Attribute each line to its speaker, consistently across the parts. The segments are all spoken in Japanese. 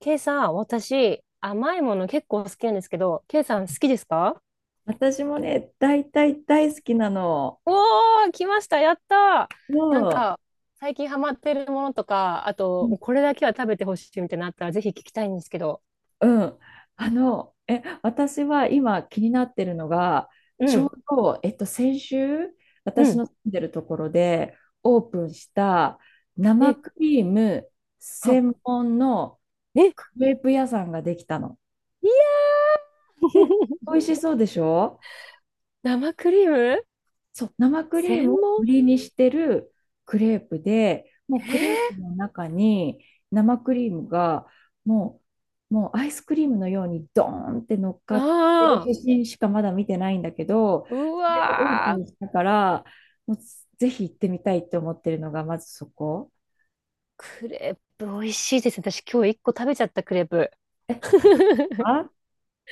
Speaker 1: ケイさん、私、甘いもの結構好きなんですけど、ケイさん好きですか？
Speaker 2: 私もね、大体大好きなの。
Speaker 1: おー、来ました、やったー。なん
Speaker 2: もう、
Speaker 1: か、最近ハマってるものとか、あ
Speaker 2: う
Speaker 1: と、
Speaker 2: ん。
Speaker 1: もうこれだけは食べてほしいみたいなのあったら、ぜひ聞きたいんですけど。
Speaker 2: うん。私は今気になってるのが、
Speaker 1: う
Speaker 2: ちょう
Speaker 1: ん、
Speaker 2: ど、先週、
Speaker 1: う
Speaker 2: 私
Speaker 1: ん。
Speaker 2: の住んでるところでオープンした生
Speaker 1: え、
Speaker 2: クリーム
Speaker 1: は、
Speaker 2: 専門の
Speaker 1: え、
Speaker 2: クレープ屋さんができたの。
Speaker 1: いや
Speaker 2: で、
Speaker 1: ー
Speaker 2: 美 味しそうでしょ？
Speaker 1: 生クリーム
Speaker 2: そう、生クリーム
Speaker 1: 専
Speaker 2: を
Speaker 1: 門。
Speaker 2: 売りにしてるクレープで、もうク
Speaker 1: え
Speaker 2: レープの中に生クリームがももうアイスクリームのようにドーンって乗っ
Speaker 1: ー、
Speaker 2: かってる
Speaker 1: あ
Speaker 2: 写
Speaker 1: ー。
Speaker 2: 真しかまだ見てないんだけど、
Speaker 1: う
Speaker 2: それがオープ
Speaker 1: わー、
Speaker 2: ンしたから、もうぜひ行ってみたいって思ってるのがまずそこ。
Speaker 1: クレープ美味しいですね。私今日一個食べちゃったクレープ。
Speaker 2: え、京都 は？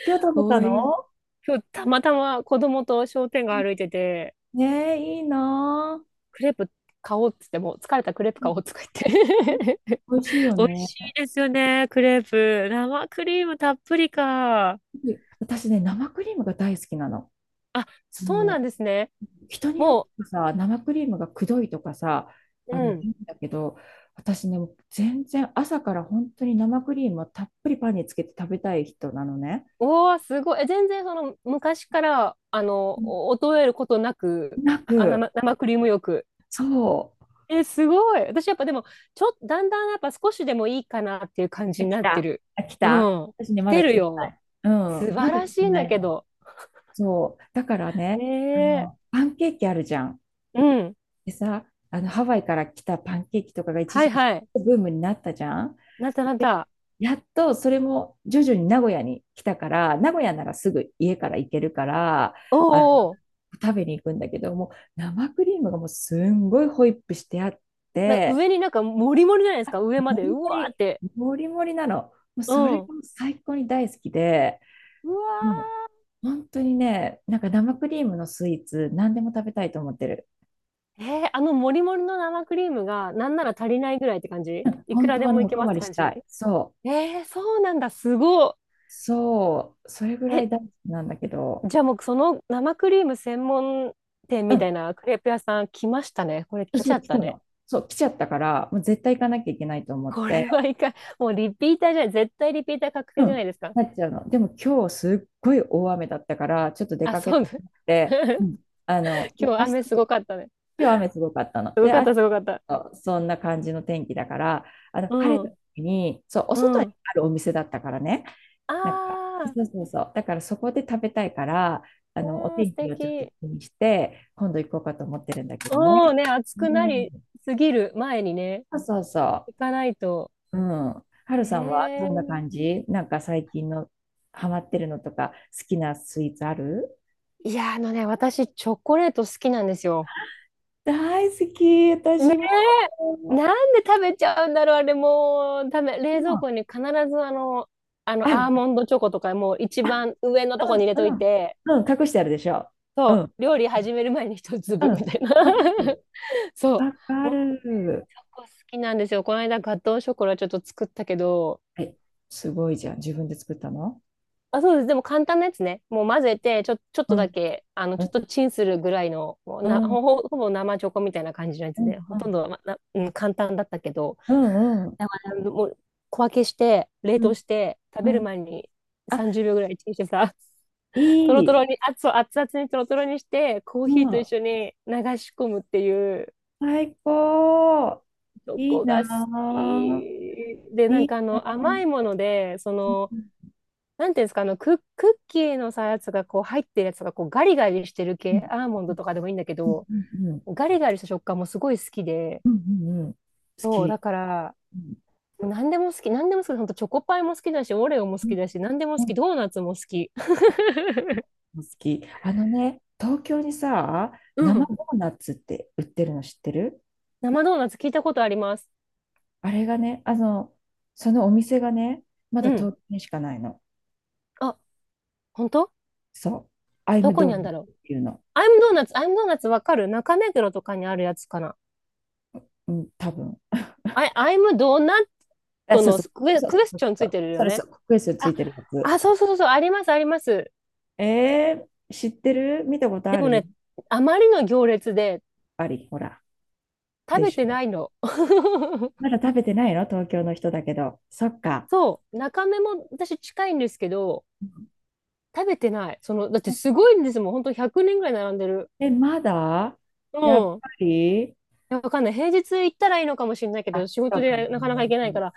Speaker 2: 今日食べた
Speaker 1: おい。
Speaker 2: の？
Speaker 1: 今日たまたま子供と商店街歩いてて、
Speaker 2: ねえ、いいなぁ。
Speaker 1: クレープ買おうっつって、もう疲れたクレープ買おうとか言
Speaker 2: うん、
Speaker 1: って。
Speaker 2: 美味しいよ
Speaker 1: 美味
Speaker 2: ね。
Speaker 1: しいですよね、クレープ。生クリームたっぷりか。
Speaker 2: 私ね、生クリームが大好きなの。
Speaker 1: あ、そうな
Speaker 2: も、
Speaker 1: んですね。
Speaker 2: 人によって
Speaker 1: も
Speaker 2: はさ、生クリームがくどいとかさ、
Speaker 1: う、
Speaker 2: あの、
Speaker 1: うん。
Speaker 2: 言うんだけど、私ね、もう全然朝から本当に生クリームをたっぷりパンにつけて食べたい人なのね。
Speaker 1: うわすごい。え全然その昔から、
Speaker 2: うん。
Speaker 1: お衰えることなく、
Speaker 2: な
Speaker 1: あ、
Speaker 2: く、
Speaker 1: 生クリームよく。
Speaker 2: そ
Speaker 1: え、すごい。私やっぱでも、ちょっと、だんだんやっぱ少しでもいいかなっていう感じ
Speaker 2: う。
Speaker 1: に
Speaker 2: 来
Speaker 1: なって
Speaker 2: た。
Speaker 1: る。
Speaker 2: あ、来
Speaker 1: う
Speaker 2: た。
Speaker 1: ん。
Speaker 2: 私ね、
Speaker 1: 来
Speaker 2: まだ
Speaker 1: て
Speaker 2: 来
Speaker 1: る
Speaker 2: てな
Speaker 1: よ。
Speaker 2: い。うん、
Speaker 1: 素
Speaker 2: ま
Speaker 1: 晴
Speaker 2: だ
Speaker 1: ら
Speaker 2: 来
Speaker 1: し
Speaker 2: て
Speaker 1: いん
Speaker 2: な
Speaker 1: だ
Speaker 2: い
Speaker 1: け
Speaker 2: の。
Speaker 1: ど。
Speaker 2: そう。だからね、
Speaker 1: え
Speaker 2: あ
Speaker 1: え、
Speaker 2: の、パンケーキあるじゃん。
Speaker 1: うん。
Speaker 2: でさ、あの、ハワイから来たパンケーキとかが一
Speaker 1: は
Speaker 2: 時
Speaker 1: い
Speaker 2: 期
Speaker 1: はい。
Speaker 2: ブームになったじゃん。
Speaker 1: なったなっ
Speaker 2: で、
Speaker 1: た。
Speaker 2: やっとそれも徐々に名古屋に来たから、名古屋ならすぐ家から行けるから、
Speaker 1: おう
Speaker 2: あの、
Speaker 1: おうおう。
Speaker 2: 食べに行くんだけど、もう生クリームがもうすんごいホイップしてあっ
Speaker 1: なんか
Speaker 2: て、
Speaker 1: 上になんかモリモリじゃないですか、上ま
Speaker 2: も
Speaker 1: で。
Speaker 2: り
Speaker 1: う
Speaker 2: も
Speaker 1: わー
Speaker 2: り、
Speaker 1: って。
Speaker 2: もりもりなの。もう
Speaker 1: う
Speaker 2: それ
Speaker 1: ん。
Speaker 2: がもう最高に大好きで、
Speaker 1: う
Speaker 2: もう
Speaker 1: わ
Speaker 2: 本当にね、なんか生クリームのスイーツ、何でも食べたいと思ってる。
Speaker 1: ー。あのモリモリの生クリームがなんなら足りないぐらいって感じ、いく
Speaker 2: 本
Speaker 1: ら
Speaker 2: 当
Speaker 1: で
Speaker 2: はね、
Speaker 1: もい
Speaker 2: お
Speaker 1: け
Speaker 2: か
Speaker 1: ます
Speaker 2: わ
Speaker 1: って
Speaker 2: りし
Speaker 1: 感
Speaker 2: た
Speaker 1: じ。
Speaker 2: い。そ
Speaker 1: え
Speaker 2: う、
Speaker 1: ー、そうなんだ。すご
Speaker 2: そう、それぐ
Speaker 1: い。
Speaker 2: らい
Speaker 1: え、
Speaker 2: 大好きなんだけど。
Speaker 1: じゃあもうその生クリーム専門店
Speaker 2: う
Speaker 1: みた
Speaker 2: ん、
Speaker 1: いなクレープ屋さん来ましたね。これ来ち
Speaker 2: そ
Speaker 1: ゃ
Speaker 2: う、
Speaker 1: っ
Speaker 2: 来た
Speaker 1: たね。
Speaker 2: の。そう、来ちゃったから、もう絶対行かなきゃいけないと思っ
Speaker 1: こ
Speaker 2: て、
Speaker 1: れはいかん、もうリピーターじゃない。絶対リピーター確
Speaker 2: う
Speaker 1: 定じゃな
Speaker 2: ん、
Speaker 1: いですか。
Speaker 2: なっちゃうの。でも今日すっごい大雨だったから、ちょっと出
Speaker 1: あ、
Speaker 2: かけ
Speaker 1: そう
Speaker 2: た
Speaker 1: だ。
Speaker 2: くなくて、う ん、あの、明
Speaker 1: 今日
Speaker 2: 日、
Speaker 1: 雨すごかったね。
Speaker 2: 今日雨すごかったの。
Speaker 1: すご
Speaker 2: で、
Speaker 1: かっ
Speaker 2: 明
Speaker 1: た、すごかった。
Speaker 2: 日、そんな感じの天気だから、あの、
Speaker 1: う
Speaker 2: 晴れた
Speaker 1: ん、
Speaker 2: 時に、そう、お
Speaker 1: う
Speaker 2: 外に
Speaker 1: ん。
Speaker 2: あるお店だったからね、
Speaker 1: あ
Speaker 2: なんか、
Speaker 1: あ、
Speaker 2: そうそうそう、だからそこで食べたいから、あの、お
Speaker 1: わあ、
Speaker 2: 天
Speaker 1: 素
Speaker 2: 気をちょっと気
Speaker 1: 敵。
Speaker 2: にして、今度行こうかと思ってるんだけどね。
Speaker 1: おおね、暑くな
Speaker 2: う
Speaker 1: り
Speaker 2: ん、
Speaker 1: すぎる前にね、
Speaker 2: そうそうそ
Speaker 1: 行
Speaker 2: う。
Speaker 1: かないと。
Speaker 2: うん。はるさんはどんな感
Speaker 1: ええ、
Speaker 2: じ？なんか最近のハマってるのとか、好きなスイーツある？
Speaker 1: いや、あのね、私、チョコレート好きなんですよ。
Speaker 2: 大好き、
Speaker 1: ね
Speaker 2: 私も。
Speaker 1: え、なんで食べちゃうんだろう、あれ、もう、
Speaker 2: う
Speaker 1: 冷蔵
Speaker 2: ん、
Speaker 1: 庫に必ず、
Speaker 2: あ
Speaker 1: ア
Speaker 2: る。
Speaker 1: ーモンドチョコとか、もう一番上のとこ
Speaker 2: う
Speaker 1: に入れと
Speaker 2: ん、う
Speaker 1: い
Speaker 2: ん。
Speaker 1: て、
Speaker 2: うん、隠してあるでしょ。う
Speaker 1: そ
Speaker 2: ん、
Speaker 1: う、料理始める前に一
Speaker 2: う
Speaker 1: 粒
Speaker 2: ん。
Speaker 1: みたいな。
Speaker 2: わか る。
Speaker 1: そう。
Speaker 2: わかる。
Speaker 1: タコ好きなんですよ。この間ガトーショコラちょっと作ったけど、
Speaker 2: え、すごいじゃん。自分で作ったの？
Speaker 1: あ、そうです。でも簡単なやつね。もう混ぜて、ちょ、ちょっ
Speaker 2: う
Speaker 1: とだ
Speaker 2: ん、
Speaker 1: け、
Speaker 2: う
Speaker 1: ちょっ
Speaker 2: ん、
Speaker 1: とチンするぐらいの、もう
Speaker 2: う
Speaker 1: な、
Speaker 2: ん、う
Speaker 1: ほ
Speaker 2: ん、
Speaker 1: ぼ、ほぼ生チョコみたいな感じのや
Speaker 2: う
Speaker 1: つで、ほとん
Speaker 2: ん、
Speaker 1: ど、ま、な、うん、簡単だったけど、
Speaker 2: うん、うん、
Speaker 1: だからもう小分けして、冷
Speaker 2: う
Speaker 1: 凍
Speaker 2: ん。
Speaker 1: して、食
Speaker 2: う
Speaker 1: べる
Speaker 2: ん、
Speaker 1: 前に
Speaker 2: あ、
Speaker 1: 30秒ぐらいチンしてさ、と
Speaker 2: い
Speaker 1: ろと
Speaker 2: い。
Speaker 1: ろに、熱々にとろとろにして、コー
Speaker 2: う
Speaker 1: ヒーと
Speaker 2: ん、
Speaker 1: 一緒に流し込むっていう、
Speaker 2: 最高。
Speaker 1: チョ
Speaker 2: いい
Speaker 1: コ
Speaker 2: な
Speaker 1: が好
Speaker 2: ぁ。
Speaker 1: き。で、な
Speaker 2: い
Speaker 1: んか
Speaker 2: いな
Speaker 1: 甘
Speaker 2: ぁ。
Speaker 1: いもので、
Speaker 2: うん、
Speaker 1: なんていうんですか、あの、クッキーのさ、やつがこう入ってるやつがこうガリガリしてる
Speaker 2: う
Speaker 1: 系、
Speaker 2: ん、
Speaker 1: アーモンドとかでもいいんだけ
Speaker 2: うん、
Speaker 1: ど、
Speaker 2: うん、う
Speaker 1: ガリガリした食感もすごい好きで、
Speaker 2: ん、うん、うん、好
Speaker 1: そう、だ
Speaker 2: き。
Speaker 1: から、
Speaker 2: うん、
Speaker 1: 何でも好き、何でも好き、ほんとチョコパイも好きだし、オレオも
Speaker 2: う
Speaker 1: 好
Speaker 2: ん、
Speaker 1: きだし、何でも好
Speaker 2: う
Speaker 1: き、
Speaker 2: ん、
Speaker 1: ドーナツも好き。
Speaker 2: 好き。あのね、東京にさ、
Speaker 1: う
Speaker 2: 生
Speaker 1: ん。
Speaker 2: ドーナツって売ってるの知ってる？
Speaker 1: 生ドーナツ聞いたことあります。
Speaker 2: あれがね、あの、そのお店がね、ま
Speaker 1: う
Speaker 2: だ
Speaker 1: ん。
Speaker 2: 東京にしかないの。
Speaker 1: あ、本当？
Speaker 2: そう。アイ
Speaker 1: ど
Speaker 2: ム
Speaker 1: こ
Speaker 2: ド
Speaker 1: にある
Speaker 2: ー
Speaker 1: ん
Speaker 2: ナ
Speaker 1: だろう。
Speaker 2: ツっていうの。
Speaker 1: アイムドーナツ、アイムドーナツわかる、中目黒とかにあるやつかな。
Speaker 2: うん、多分。
Speaker 1: あ、アイムドーナッ
Speaker 2: あ、
Speaker 1: ト
Speaker 2: そう
Speaker 1: の
Speaker 2: そう。
Speaker 1: クエ、
Speaker 2: そうそ
Speaker 1: クエス
Speaker 2: うそう
Speaker 1: チョンつ
Speaker 2: そ
Speaker 1: い
Speaker 2: う。
Speaker 1: てるよ
Speaker 2: それそ
Speaker 1: ね。
Speaker 2: う。クックエストつ
Speaker 1: あ、
Speaker 2: いてるやつ。
Speaker 1: あ、そうそうそうそう、あります、あります。
Speaker 2: えー、知ってる？見たこと
Speaker 1: で
Speaker 2: あ
Speaker 1: も
Speaker 2: る？
Speaker 1: ね、あまりの行列で
Speaker 2: あり、ほら。
Speaker 1: 食
Speaker 2: で
Speaker 1: べ
Speaker 2: し
Speaker 1: て
Speaker 2: ょ。
Speaker 1: ないの。
Speaker 2: ま だ食べてないの東京の人だけど。そっか。
Speaker 1: そう、中目も私近いんですけど、食べてない。だってすごいんですもん。本当100人ぐらい並んでる。
Speaker 2: え、まだ
Speaker 1: う
Speaker 2: やっ
Speaker 1: ん。
Speaker 2: ぱり、
Speaker 1: いや、わかんない。平日行ったらいいのかもしれないけど、
Speaker 2: あ、
Speaker 1: 仕
Speaker 2: そ
Speaker 1: 事
Speaker 2: うかも
Speaker 1: でなかなか行けないか
Speaker 2: ね。
Speaker 1: ら、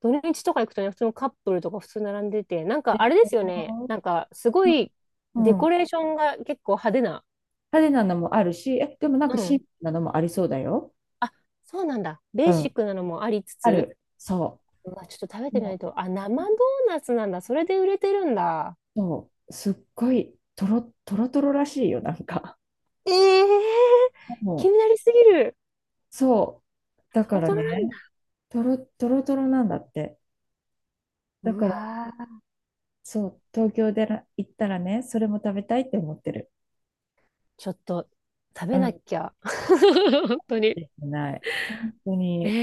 Speaker 1: 土日とか行くとね、普通のカップルとか普通並んでて、なん
Speaker 2: で
Speaker 1: かあれ
Speaker 2: し
Speaker 1: ですよね。
Speaker 2: ょ？
Speaker 1: なんかすごい
Speaker 2: う
Speaker 1: デコ
Speaker 2: ん。
Speaker 1: レーションが結構派手な。
Speaker 2: 派手なのもあるし、え、でもなんか
Speaker 1: う
Speaker 2: シン
Speaker 1: ん。
Speaker 2: プルなのもありそうだよ。
Speaker 1: あ、そうなんだ。ベ
Speaker 2: う
Speaker 1: ーシッ
Speaker 2: ん。
Speaker 1: クなのもありつ
Speaker 2: あ
Speaker 1: つ、
Speaker 2: る。そ
Speaker 1: うわ、ちょっと食べ
Speaker 2: う。
Speaker 1: てみない
Speaker 2: も
Speaker 1: と。あ、生ドーナツなんだ。それで売れてるんだ。
Speaker 2: う、そう。すっごい、とろ、とろとろらしいよ、なんか。
Speaker 1: ええー、
Speaker 2: も
Speaker 1: 気にな
Speaker 2: う、
Speaker 1: りすぎる。
Speaker 2: そう。だ
Speaker 1: ト
Speaker 2: か
Speaker 1: ロ
Speaker 2: ら
Speaker 1: トロなん
Speaker 2: ね、
Speaker 1: だ。
Speaker 2: とろ、とろとろなんだって。だ
Speaker 1: う
Speaker 2: から、
Speaker 1: わー、
Speaker 2: そう、東京でら行ったらね、それも食べたいって思ってる。
Speaker 1: ちょっと食
Speaker 2: う
Speaker 1: べな
Speaker 2: ん。
Speaker 1: きゃ。本当に。
Speaker 2: できない。本当
Speaker 1: え
Speaker 2: に。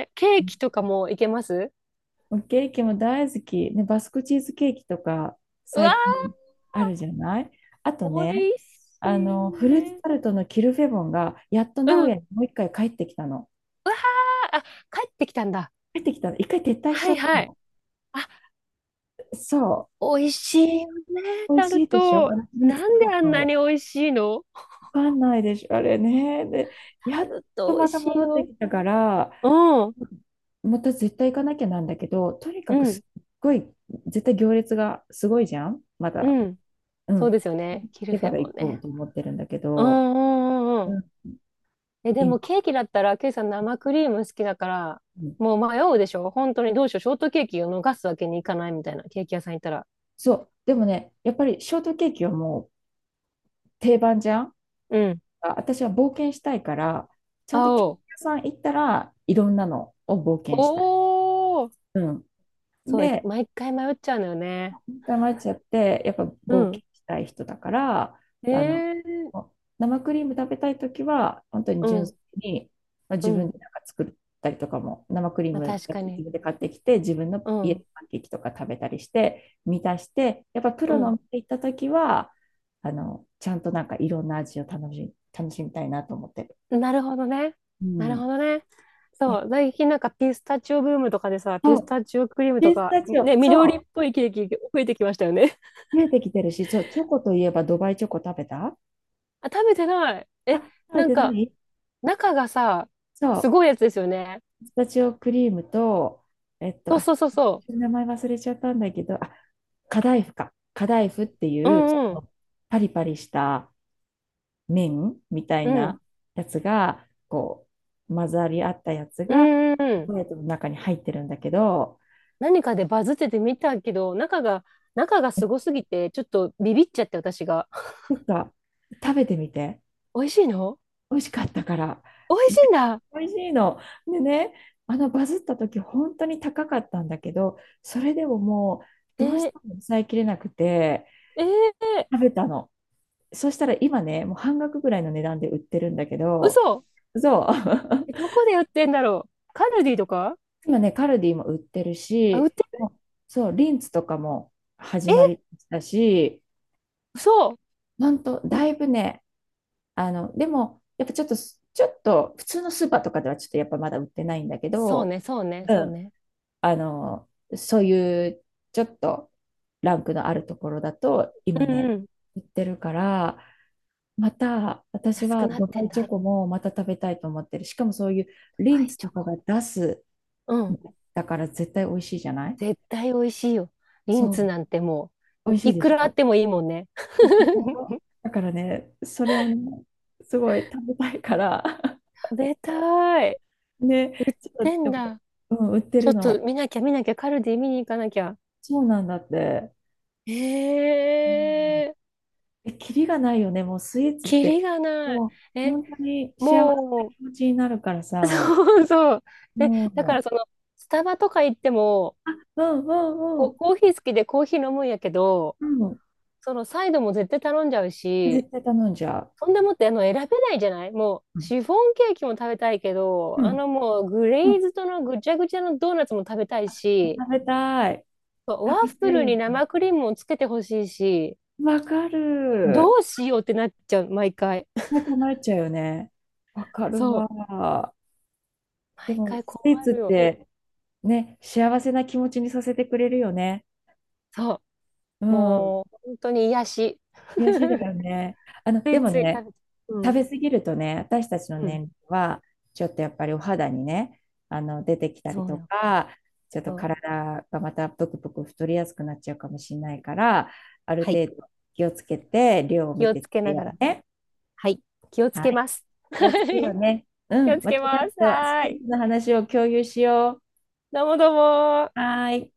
Speaker 1: えー、ケーキとかもいけます？
Speaker 2: ケーキも大好き。ね、バスクチーズケーキとか
Speaker 1: うわ
Speaker 2: 最近あるじゃない？あと
Speaker 1: ー、
Speaker 2: ね、
Speaker 1: 美味し
Speaker 2: あ
Speaker 1: い
Speaker 2: の、フルーツ
Speaker 1: ね。
Speaker 2: タルトのキルフェボンがやっと名
Speaker 1: うん。
Speaker 2: 古屋
Speaker 1: う
Speaker 2: にもう一回帰ってきたの。
Speaker 1: わー、あ、帰ってきたんだ。
Speaker 2: 帰ってきたの。一回撤退し
Speaker 1: は
Speaker 2: ちゃっ
Speaker 1: い
Speaker 2: た
Speaker 1: はい。
Speaker 2: の。
Speaker 1: あ、
Speaker 2: そ
Speaker 1: 美味しいよね、
Speaker 2: う。美味
Speaker 1: タル
Speaker 2: しいでしょ
Speaker 1: ト。
Speaker 2: あのフルーツ
Speaker 1: なん
Speaker 2: タ
Speaker 1: で
Speaker 2: ル
Speaker 1: あんなに
Speaker 2: ト。
Speaker 1: 美味しいの？
Speaker 2: わかんないでしょあれね。で、や
Speaker 1: タ
Speaker 2: っ
Speaker 1: ル
Speaker 2: と
Speaker 1: ト美
Speaker 2: ま
Speaker 1: 味
Speaker 2: た
Speaker 1: しい
Speaker 2: 戻って
Speaker 1: よ。
Speaker 2: きたから、
Speaker 1: うん、
Speaker 2: また絶対行かなきゃなんだけど、とにか
Speaker 1: う
Speaker 2: く
Speaker 1: ん、
Speaker 2: すっごい、絶対行列がすごいじゃんまだ。
Speaker 1: うん。
Speaker 2: う
Speaker 1: そう
Speaker 2: ん。
Speaker 1: ですよね。キル
Speaker 2: で
Speaker 1: フ
Speaker 2: か
Speaker 1: ェ
Speaker 2: ら
Speaker 1: ボン
Speaker 2: 行こう
Speaker 1: ね。
Speaker 2: と思ってるんだけ
Speaker 1: う
Speaker 2: ど、
Speaker 1: んうんうんう
Speaker 2: う
Speaker 1: ん。
Speaker 2: ん。
Speaker 1: え、で
Speaker 2: 今。
Speaker 1: もケーキだったら、ケイさん生クリーム好きだから、
Speaker 2: うん、
Speaker 1: もう迷うでしょ本当に。どうしよう。ショートケーキを逃すわけにいかないみたいな。ケーキ屋さん行ったら。
Speaker 2: そう。でもね、やっぱりショートケーキはもう定番じゃん。
Speaker 1: うん。
Speaker 2: あ、私は冒険したいから、ちゃんとケーキ
Speaker 1: 青。
Speaker 2: 屋さん行ったらいろんなのを冒険したい。
Speaker 1: おお。
Speaker 2: うん。
Speaker 1: そう、
Speaker 2: で、
Speaker 1: 毎回迷っちゃうのよね。
Speaker 2: ダマルチアってやっぱ
Speaker 1: う
Speaker 2: 冒険
Speaker 1: ん。
Speaker 2: したい人だから、
Speaker 1: え
Speaker 2: あの、
Speaker 1: ー、
Speaker 2: 生クリーム食べたい時は本当に
Speaker 1: う
Speaker 2: 純
Speaker 1: ん。
Speaker 2: 粋に、まあ、
Speaker 1: う
Speaker 2: 自分
Speaker 1: ん。
Speaker 2: でなんか作ったりとかも生クリー
Speaker 1: まあ
Speaker 2: ム
Speaker 1: 確か
Speaker 2: 自
Speaker 1: に。
Speaker 2: 分で買ってきて自分の
Speaker 1: う
Speaker 2: 家
Speaker 1: ん。
Speaker 2: でパンケーキとか食べたりして満たして、やっぱプ
Speaker 1: う
Speaker 2: ロのお
Speaker 1: ん。
Speaker 2: 店行った時はあのちゃんとなんかいろんな味を楽しみたいなと思ってる。
Speaker 1: なるほどね。
Speaker 2: う
Speaker 1: なる
Speaker 2: ん、
Speaker 1: ほどね。
Speaker 2: ね、
Speaker 1: そう、最近なんかピスタチオブームとかでさ、
Speaker 2: そ
Speaker 1: ピス
Speaker 2: う、
Speaker 1: タチオクリームと
Speaker 2: ピス
Speaker 1: か、
Speaker 2: タチオ、
Speaker 1: ね、緑
Speaker 2: そ
Speaker 1: っぽいケーキ増えてきましたよね。
Speaker 2: う見えてきてるし、そうチョコといえばドバイチョコ食べた？
Speaker 1: あ、食べてない。え、
Speaker 2: 食べ
Speaker 1: なん
Speaker 2: てな
Speaker 1: か、
Speaker 2: い？
Speaker 1: 中がさ、
Speaker 2: そ
Speaker 1: す
Speaker 2: う、
Speaker 1: ごいやつですよね。
Speaker 2: ピスタチオクリームと、えっと、
Speaker 1: そう
Speaker 2: あ、
Speaker 1: そうそうそ
Speaker 2: 名前忘れちゃったんだけど、あ、カダイフか。カダイフって
Speaker 1: う。う
Speaker 2: いう、ち
Speaker 1: んう
Speaker 2: ょっ
Speaker 1: ん。
Speaker 2: とパリパリした麺みたい
Speaker 1: うん。
Speaker 2: なやつが、こう、混ざり合ったやつ
Speaker 1: う
Speaker 2: が、チ
Speaker 1: んうんう
Speaker 2: ョコ
Speaker 1: ん。
Speaker 2: レートの中に入ってるんだけど、
Speaker 1: 何かでバズってて見たけど、中がすごすぎて、ちょっとビビっちゃって私が。
Speaker 2: なんか、食べてみて。
Speaker 1: 美味しいの？
Speaker 2: 美味しかったから。
Speaker 1: 美味しい んだ。
Speaker 2: 美味しいの。でね、あのバズった時本当に高かったんだけど、それでももう
Speaker 1: え
Speaker 2: どうし
Speaker 1: ー、
Speaker 2: ても抑えきれなくて
Speaker 1: えー、
Speaker 2: 食べたの。そしたら今ね、もう半額ぐらいの値段で売ってるんだけど、
Speaker 1: 嘘。
Speaker 2: そう。
Speaker 1: え、どこで売ってんだろう。カルディとか？
Speaker 2: 今ね、カルディも売ってる
Speaker 1: あ、売っ
Speaker 2: し、
Speaker 1: てる。
Speaker 2: もう、そう、リンツとかも始ま
Speaker 1: え、
Speaker 2: りだし、
Speaker 1: そう。
Speaker 2: 本当だいぶね、あの、でも、やっぱちょっと、ちょっと、普通のスーパーとかではちょっとやっぱまだ売ってないんだけ
Speaker 1: そう
Speaker 2: ど、
Speaker 1: ね、そうね、
Speaker 2: う
Speaker 1: そう
Speaker 2: ん、
Speaker 1: ね。
Speaker 2: あの、そういう、ちょっと、ランクのあるところだと、今
Speaker 1: う
Speaker 2: ね、
Speaker 1: んうん。
Speaker 2: 売ってるから、また、私
Speaker 1: 安
Speaker 2: は
Speaker 1: くなっ
Speaker 2: ド
Speaker 1: て
Speaker 2: バ
Speaker 1: ん
Speaker 2: イチョ
Speaker 1: だ。
Speaker 2: コもまた食べたいと思ってる。しかもそういう
Speaker 1: ワ
Speaker 2: リン
Speaker 1: イ
Speaker 2: ツ
Speaker 1: チ
Speaker 2: と
Speaker 1: ョ
Speaker 2: か
Speaker 1: コ。
Speaker 2: が出す、
Speaker 1: うん。
Speaker 2: だから絶対美味しいじゃない？
Speaker 1: 絶対美味しいよ。リンツ
Speaker 2: そ
Speaker 1: なんても
Speaker 2: う、美
Speaker 1: う、
Speaker 2: 味しい
Speaker 1: い
Speaker 2: で
Speaker 1: く
Speaker 2: し
Speaker 1: らあっ
Speaker 2: ょ。
Speaker 1: てもいいもんね。
Speaker 2: でしょ だからね、それをね、すごい食べたいから、
Speaker 1: 食べたい。
Speaker 2: ね、ちょっと、
Speaker 1: て
Speaker 2: で
Speaker 1: ん
Speaker 2: も
Speaker 1: だ。
Speaker 2: うん、売って
Speaker 1: ちょ
Speaker 2: る
Speaker 1: っと
Speaker 2: の。
Speaker 1: 見なきゃ見なきゃ、カルディ見に行かなきゃ。
Speaker 2: そうなんだって。
Speaker 1: え
Speaker 2: うん、
Speaker 1: えー、
Speaker 2: え、キリがないよね、もうスイーツっ
Speaker 1: キリ
Speaker 2: て。
Speaker 1: がない。
Speaker 2: もう、
Speaker 1: え、
Speaker 2: 本当に幸せな
Speaker 1: もう、
Speaker 2: 気持ちになるから さ。
Speaker 1: そうそう。で、
Speaker 2: も
Speaker 1: だか
Speaker 2: う、
Speaker 1: らスタバとか行っても、
Speaker 2: うん、うん、う
Speaker 1: こ
Speaker 2: ん。
Speaker 1: コーヒー好きでコーヒー飲むんやけど、
Speaker 2: うん、
Speaker 1: そのサイドも絶対頼んじゃうし、
Speaker 2: 絶対頼んじゃう。
Speaker 1: そんでもって選べないじゃない、もう
Speaker 2: うん、
Speaker 1: シフォンケーキも食べたいけど、
Speaker 2: うん、
Speaker 1: もうグレーズドのぐちゃぐちゃのドーナツも食べたいし、
Speaker 2: 食べたい。
Speaker 1: ワ
Speaker 2: 食べ
Speaker 1: ッフ
Speaker 2: たい
Speaker 1: ル
Speaker 2: よ
Speaker 1: に
Speaker 2: ね。
Speaker 1: 生クリームをつけてほしいし、
Speaker 2: わか
Speaker 1: ど
Speaker 2: る。
Speaker 1: うしようってなっちゃう、毎回。
Speaker 2: な くなっちゃうよね。わかる
Speaker 1: そう。
Speaker 2: わ。で
Speaker 1: 毎
Speaker 2: も、
Speaker 1: 回
Speaker 2: ス
Speaker 1: 困
Speaker 2: イーツっ
Speaker 1: るよ。
Speaker 2: てね、幸せな気持ちにさせてくれるよね。
Speaker 1: そ
Speaker 2: う
Speaker 1: う。
Speaker 2: ん。
Speaker 1: もう本当に癒し。
Speaker 2: 悔しいだよね。あの、
Speaker 1: つ
Speaker 2: で
Speaker 1: い
Speaker 2: も
Speaker 1: つい食
Speaker 2: ね、
Speaker 1: べちゃう。う
Speaker 2: 食
Speaker 1: ん。
Speaker 2: べ過ぎるとね、私たちの
Speaker 1: うん。
Speaker 2: 年齢は、ちょっとやっぱりお肌にね、あの出てきたり
Speaker 1: そう
Speaker 2: と
Speaker 1: よ。
Speaker 2: か、ちょっと
Speaker 1: そう。
Speaker 2: 体がまたぷくぷく太りやすくなっちゃうかもしれないから、ある
Speaker 1: はい。
Speaker 2: 程度気をつけて、量を
Speaker 1: 気
Speaker 2: 見
Speaker 1: を
Speaker 2: てっ
Speaker 1: つけ
Speaker 2: て
Speaker 1: な
Speaker 2: よ
Speaker 1: がら。
Speaker 2: ね。
Speaker 1: はい。気をつ
Speaker 2: は
Speaker 1: け
Speaker 2: い。
Speaker 1: ます。
Speaker 2: 気
Speaker 1: は
Speaker 2: をつけよう
Speaker 1: い、
Speaker 2: ね。う
Speaker 1: 気を
Speaker 2: ん。
Speaker 1: つけ
Speaker 2: 私たち
Speaker 1: ます。
Speaker 2: とス
Speaker 1: は
Speaker 2: テ
Speaker 1: ー
Speaker 2: ー
Speaker 1: い。
Speaker 2: ジの話を共有しよ
Speaker 1: どうもどうも
Speaker 2: う。はーい。